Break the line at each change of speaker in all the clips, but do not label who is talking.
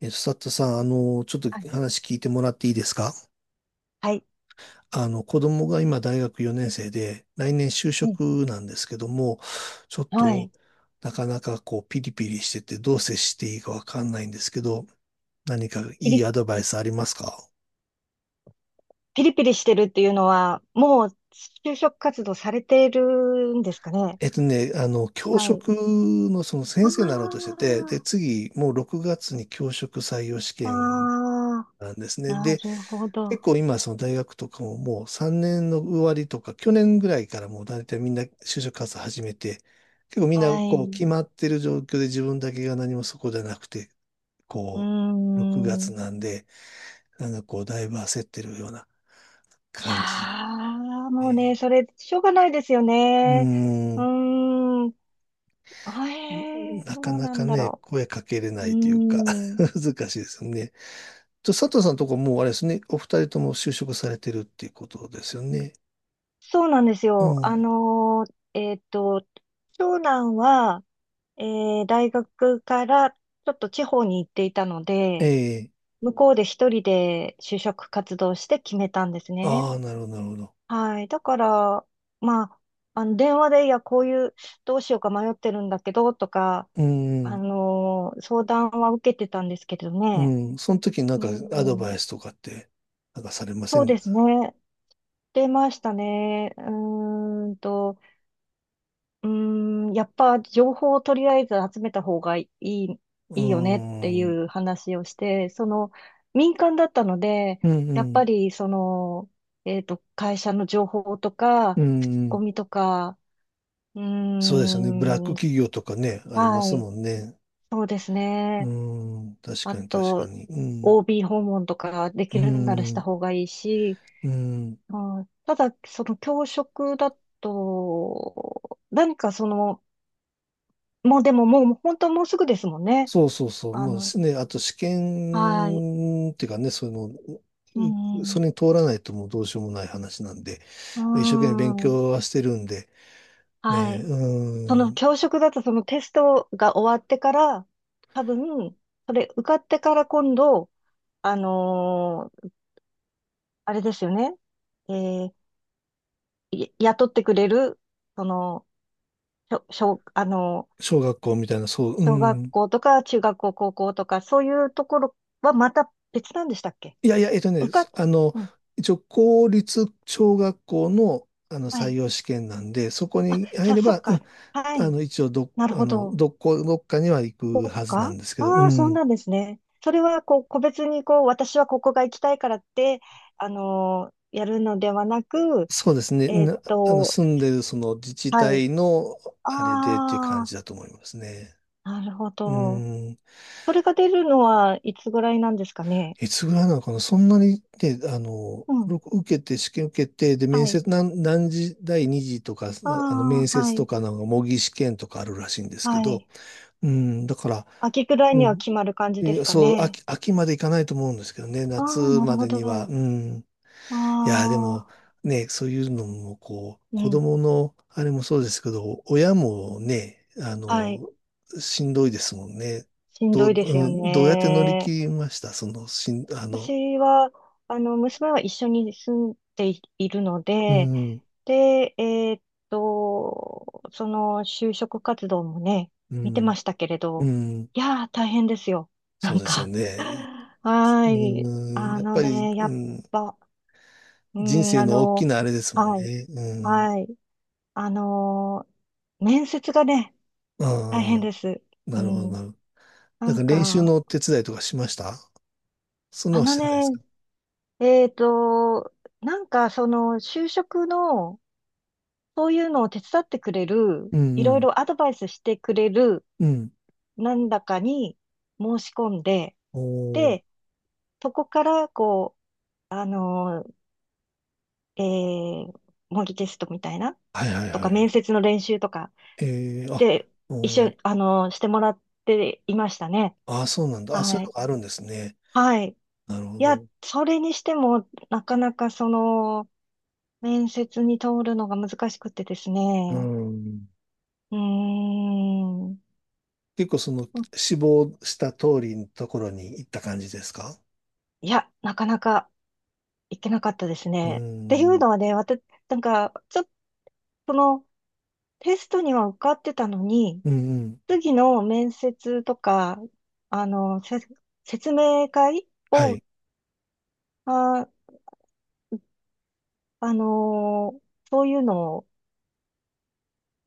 佐藤さん、ちょっ
は
と
い。
話聞いてもらっていいですか？
はい。
子供が今大学4年生で、来年就
うん。
職なんですけども、ちょっ
は
と、
い。
なかなかこう、ピリピリしてて、どう接していいかわかんないんですけど、何か
ピ
いい
リ、
アドバイスありますか？
ピリピリしてるっていうのは、もう就職活動されてるんですかね。
教
はい。
職のその先生になろうとして
あ
て、で、次、もう6月に教職採用試
あ、
験
ああ、
なんですね。
な
で、
るほ
結
ど。
構今、その大学とかももう3年の終わりとか、去年ぐらいからもう大体みんな就職活動始めて、結構みんな
はい。
こう決
う
まってる状況で自分だけが何もそこじゃなくて、
ー
こう、6月
ん。
なんで、なんかこう、だいぶ焦ってるような
い
感じだ
やもうね、
ね。
それ、しょうがないですよ
う
ね。
ー
う
ん。
ーん。
な
ど
か
う
な
な
か
んだ
ね、
ろ
声かけれ
う。
な
う
いというか、
ー ん。
難しいですよね。佐藤さんのとこもうあれですね、お二人とも就職されてるっていうことですよね。
そうなんです
う
よ。
ん。
長男は、え大学からちょっと地方に行っていたので、
ええ、
向こうで一人で就職活動して決めたんですね。
ああ、なるほど、なるほど。
はい。だから、まあ、あの、電話で、いや、こういう、どうしようか迷ってるんだけど、とか、
うん、
相談は受けてたんですけど
う
ね。
ん、その時になん
う
かアド
ん、
バイスとかって、なんかされませ
そう
ん？
ですね。出ましたね。やっぱ情報をとりあえず集めた方がいい、
う
いいよねってい
ん、うん、
う話をして、その民間だったので、
う
やっぱ
ん、
りその、会社の情報と
う
か、口コ
ん、
ミとか、うー
そうですよね。ブラック
ん、
企業とかね、ありま
は
す
い、
もんね。
そうです
う
ね。
ん、確
あ
かに確か
と、
に。うん、
OB 訪問とかで
う
きるならした
ん、
方がいいし、
うん。
うん、ただ、その教職だと、何かその、もうでももう、本当もうすぐですもんね。
そうそうそう。
あ
も
の、
うね、あと試
はい。
験っていうかね、そういう
う
の、そ
ん。
れに通らないともうどうしようもない話なんで、
う
一生懸命勉
ーん。
強はしてるんで、
は
ね、
い。その
うん、
教職だとそのテストが終わってから、多分、それ受かってから今度、あのーあれですよね。えーい雇ってくれる、その、小、小あのー
小学校みたいな、そう、う
小学
ん、
校とか中学校、高校とか、そういうところはまた別なんでしたっけ？
いやいや、
受か
そ
っ、
あの、
うん。
一応公立小学校の、
は
採
い。
用試験なんで、そこ
あ、
に入
さ、
れ
そっ
ば、う
か。
ん、
はい。
一応ど、
なる
あ
ほ
の、
ど。
どこ、どっかには行
そ
く
っ
はずな
か。
んですけど、う
ああ、そう
ん、
なんですね。それは、こう、個別に、こう、私はここが行きたいからって、やるのではなく、
そうですね、
えーっと、
住んでるその自治
はい。
体の、あれでっていう
あ
感じだと思いますね。
あ、なるほ
う
ど。
ん、
それが出るのはいつぐらいなんですかね。
いつぐらいなのかな、そんなにね、
うん。
僕受けて、試験受けて、で、面
はい。
接、何時、第2次とか、
あ
面
あ、は
接と
い。
かなんか模擬試験とかあるらしいんですけ
は
ど、
い。
うん、だから、
秋ぐらい
う
には
ん、
決まる感じ
い
です
や
か
そう、
ね。
秋までいかないと思うんですけどね、
あ
夏
あ、なる
ま
ほ
でには、
ど。
うん。
あ
いや、でも、
あ、
ね、そういうのも、こう、
う
子
ん。
供の、あれもそうですけど、親もね、
はい。
しんどいですもんね。
しんどいですよ
うん、どうやって乗り切
ね。
りました？その、
私は、あの、娘は一緒に住んでいるの
う
で、
ん、
で、その就職活動もね、
う
見て
ん、
ましたけれ
う
ど、
ん、
いやー、大変ですよ。な
そう
ん
ですよ
か、
ね。
はーい。
うん、
あ
やっ
の
ぱり、
ね、や
う
っ
ん、
ぱ、う
人
ん、
生
あ
の大き
の、
なあれですもん
はい、
ね。うん、
はい。あの面接がね、大変で
あ
す。
あ、
う
なるほど、
ん、
なるほど。
な
なん
ん
か練習
か、
のお手伝いとかしました？そんな
あ
のし
の
てないです
ね、
か？
えーっと、なんか、その、就職の、そういうのを手伝ってくれる、
うん
い
う
ろい
ん。
ろアドバイスしてくれる、
うん。
なんだかに申し込んで、
おー。
で、そこから、こう、ー、えー、模擬テストみたいな、
はいはいは
と
いは
か、面
い。
接の練習とか、
えー、あ、
で、一
お
緒に、
ー。
してもらっていましたね。
あ、そうなんだ。あ、そうい
は
うの
い。
があるんですね。
はい。
なるほ
いや、
ど。
それにしても、なかなかその、面接に通るのが難しくてですね。
うん。
うーん。
結構その志望した通りのところに行った感じですか？
いや、なかなかいけなかったです
う
ね。っていう
ん。
のはね、私、なんか、ちょっとそのテストには受かってたのに、
うんうん。
次の面接とか、あの、せ説明会
は
を、
い。
あ、あのーそういうのを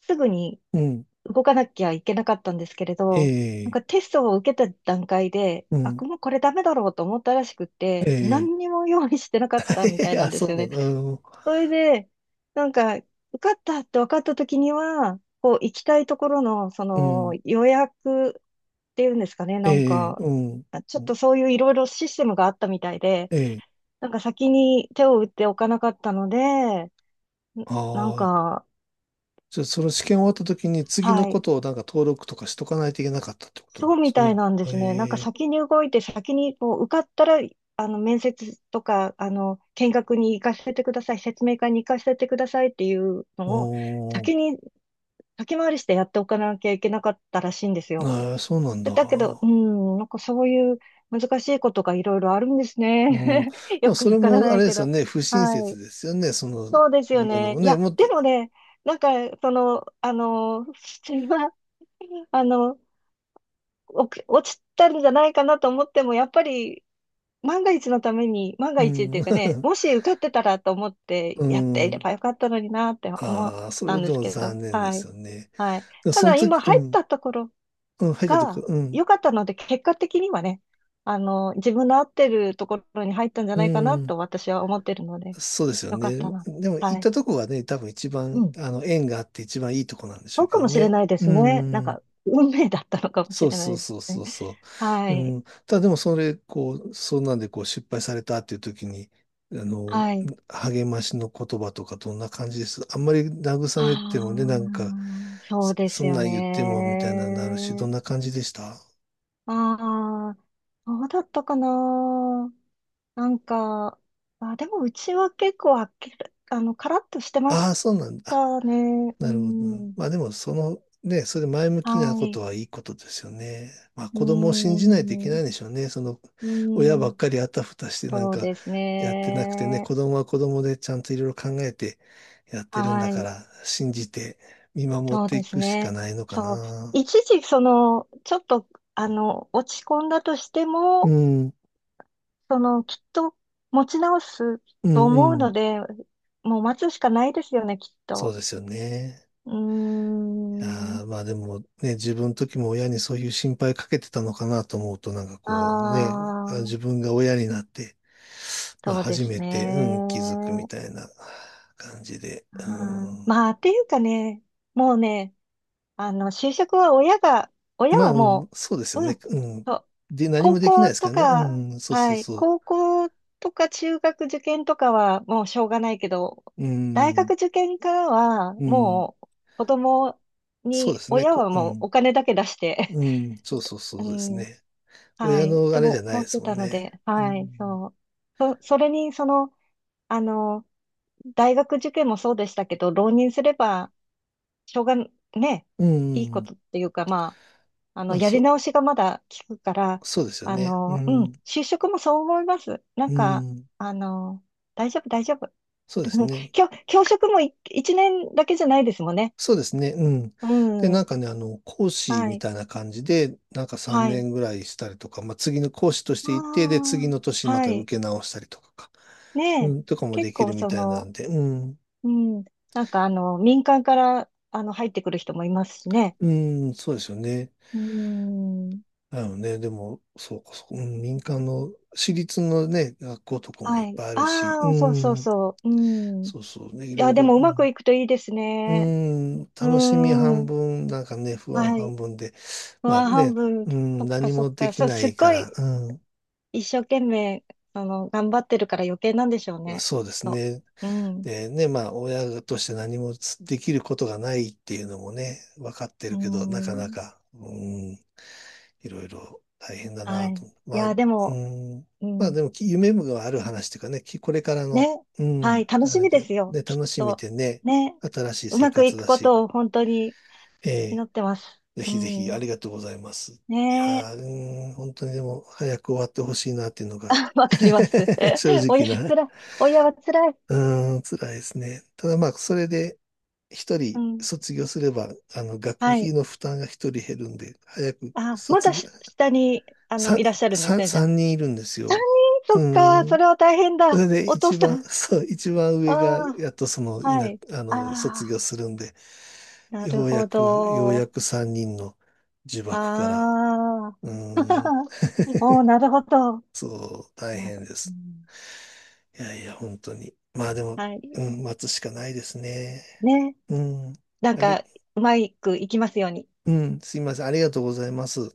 すぐに
うん。
動かなきゃいけなかったんですけれど、なん
ええ、
かテストを受けた段階で、
う
あ、
ん。
もうこれダメだろうと思ったらしくっ
え
て、
え、
何にも用意してなかったみたい な
あ、
んで
そ
す
う
よ
なん
ね。
だ。うん。
それで、なんか、受かったって分かった時には、こう、行きたいところの、そ
う
の、
ん、
予約っていうんですかね、なん
ええ、
か、
うん。
ちょっとそういういろいろシステムがあったみたいで、
ええ、
なんか先に手を打っておかなかったので、ん
あ
なん
あー、
か、
じゃあ、その試験終わった時に次の
は
こ
い、
とをなんか登録とかしとかないといけなかったってことなん
そ
で
うみ
すか
たい
ね。
なんですね。なんか
ええ、
先に動いて、先にこう受かったら、あの、面接とか、あの、見学に行かせてください、説明会に行かせてくださいっていうのを、
おー、
先に先回りしてやっておかなきゃいけなかったらしいんですよ。
ああ、そうなん
で
だ。
だけど、うん、なんかそういう難しいことがいろいろあるんです
うん、
ね。
ま
よ
あ、
く
そ
わ
れ
から
もあ
ない
れで
け
すよ
ど。
ね、不親
は
切
い。
ですよね、その、
そうですよ
いうの
ね。
も
い
ね、
や、
もっ
で
と、
もね、なんか、その、あの、普通は、あの、お落ちたんじゃないかなと思っても、やっぱり、万が一のために、万が
う
一っ
ん、
ていうかね、もし 受かってたらと思って
う
やっていれ
ん、
ばよかったのになって思っ
ああ、そ
た
れ
んで
で
す
も
けど、
残念で
は
す
い。
よね。
はい。
でも
た
その
だ今
時、う
入っ
ん、
たところ
うん、入ったとこ、
が
うん、
良かったので、結果的にはね、あの、自分の合ってるところに入ったんじゃ
う
ないかな
ん、
と私は思ってるので、
そうですよ
良か
ね。
ったな。
でも行っ
はい。
たとこがね、多分一
う
番、
ん。
縁があって一番いいとこなんでしょ
そ
う
う
け
か
ど
もしれ
ね。
ないで
う
すね。なん
ん。
か、運命だったのかもし
そう
れな
そう
いです
そうそ
ね。
うそ
は
う。う
い。
ん。ただでもそれ、こう、そんなんでこう失敗されたっていう時に、あの、
はい。
励ましの言葉とかどんな感じです？あんまり慰め
あ
てもね、なんか、
あ、そうで
そ
す
ん
よ
なん言ってもみたいなのになるし、ど
ね。
んな感じでした？
ああ、そうだったかな。なんか、あ、でもうちは結構あっけ、あの、カラッとしてま
ああー、
し
そうなんだ。
たね。う
なるほど。
ん。
まあでも、その、ね、それ前向きな
は
こと
い。
はいいことですよね。まあ
うー
子供を信じないといけ
ん。
な
う
いんでしょうね。その、
ー
親ばっ
ん。
かりあたふたしてなん
そう
か
です
やってなくてね、
ね。
子供は子供でちゃんといろいろ考えてやってるんだ
は
か
い。
ら、信じて見守っ
そう
て
で
い
す
くしか
ね。
ないのか
そう。
な。
一時、その、ちょっと、あの、落ち込んだとして
う
も、
ん、
その、きっと持ち直す
うん、
と思う
うん。
ので、もう待つしかないですよね、きっ
そう
と。
ですよね。
うー
い
ん。
やーまあでもね、自分の時も親にそういう心配かけてたのかなと思うと、なんか
あ
こうね、
あ、
自分が親になって、まあ、
そうで
初
す
めて、うん、気
ね。
づくみたいな感じで、う
はい、
ん、
まあ、っていうかね、もうね、あの、就職は親が、親
まあ、
は
うん
も
そうですよ
う、う
ね、
ん、
うん。
そう。
で、何
高
もできない
校
ですか
と
らね、う
か、
ん、そうそ
は
う
い、
そう、
高校とか中学受験とかはもうしょうがないけど、
う
大
ん、
学受験からは
うん、
もう子供
そうで
に、
すね、
親は
う
もう
ん、
お金だけ出して、
うん、そう そうそ
う
うです
ん、
ね。
は
親
い、
のあ
と
れじゃ
も
ない
思
で
っ
す
て
もん
たの
ね。
で、
う
はい、
ん、
そう。それに、その、あの、大学受験もそうでしたけど、浪人すれば、しょうが、ね、
う
いいこ
ん、
とっていうか、まあ、あの、
まあ、
やり直しがまだ効くから、
そうですよ
あ
ね。う
の、うん、
ん、
就職もそう思います。な
う
んか、
ん、
あの、大丈夫、大丈夫。
そうです ね。
教職も一年だけじゃないですもんね。
そうですね。うん。
う
で、なん
ん。
かね、講師
は
み
い。
たいな感じで、なんか3
はい。
年ぐらいしたりとか、まあ、次の講師として行って、で、次
あ
の年
あ、
ま
は
た受
い。
け直したりとかか、
ね
う
え。
ん、とかもで
結
き
構
るみ
そ
たいなん
の、
で、うん、
うん。なんか、あの、民間から、あの、入ってくる人もいますしね。
うん、そうですよね。
うん。
なのね、でも、そうか、そう、うん、民間の、私立のね、学校とかもい
は
っ
い。
ぱいあるし、う
ああ、そうそう
ん、
そう。うん。い
そうそうね、いろ
や、
い
で
ろ、
も
う
うまく
ん、
いくといいです
う
ね。
ん、
う
楽しみ半
ん。
分、なんかね、不安
はい。
半分で、まあ
ワ半
ね、
分、
うん、
そっか
何
そっ
もで
か、
きな
すっ
いか
ごい
ら、
一生懸命、あの、頑張ってるから余計なんでしょうね。
そうです
そ
ね。
う。うん。
でね、まあ、親として何もできることがないっていうのもね、分かって
う
るけど、なかな
ん。
か、うん、いろいろ大変だ
は
なと。
い。い
まあ、
や、で
う
も、
ん、
う
まあ
ん。
でも、夢がある話というかね、これからの、
ね。
う
はい。
ん、
楽
あ
し
れ
みで
で、
すよ。
で、
きっ
楽しみ
と。
でね、
ね。
新しい
う
生
まくい
活
く
だ
こ
し、
とを本当に
え
祈
え、
ってます。
ぜ
う
ひぜひあ
ん。
りがとうございます。いや
ね
ー、
え。
うん、本当にでも、早く終わってほしいなっていうのが、
わかります。
正 直
親
な。
辛い。親は辛い。
うーん、辛いですね。ただまあ、それで、一
う
人
ん。
卒業すれば、学
はい。
費の負担が一人減るんで、早く
あ、ま
卒
だ
業、
下に、あの、
さ、
いらっしゃるんですね、じゃあ。
三人いるんです
3
よ。
人、
う
そっか、そ
ん。
れは大変
そ
だ。
れで
お父
一
さ
番、
ん。
そう、一番上が、
あ
やっとその、
あ、はい。あ
卒業
あ、
するんで、
なる
ようや
ほ
く、ようや
ど。
く三人の呪縛か
あ
ら、
あ。
うん、
おー、なるほど。
そう、大
な
変で
う
す。
ん、
いやいや、本当に。まあでも、
は
う
い。
ん、待つしかないですね。
ね。
うん。
なん
あり、
か、うまくいきますように。
うん、すいません。ありがとうございます。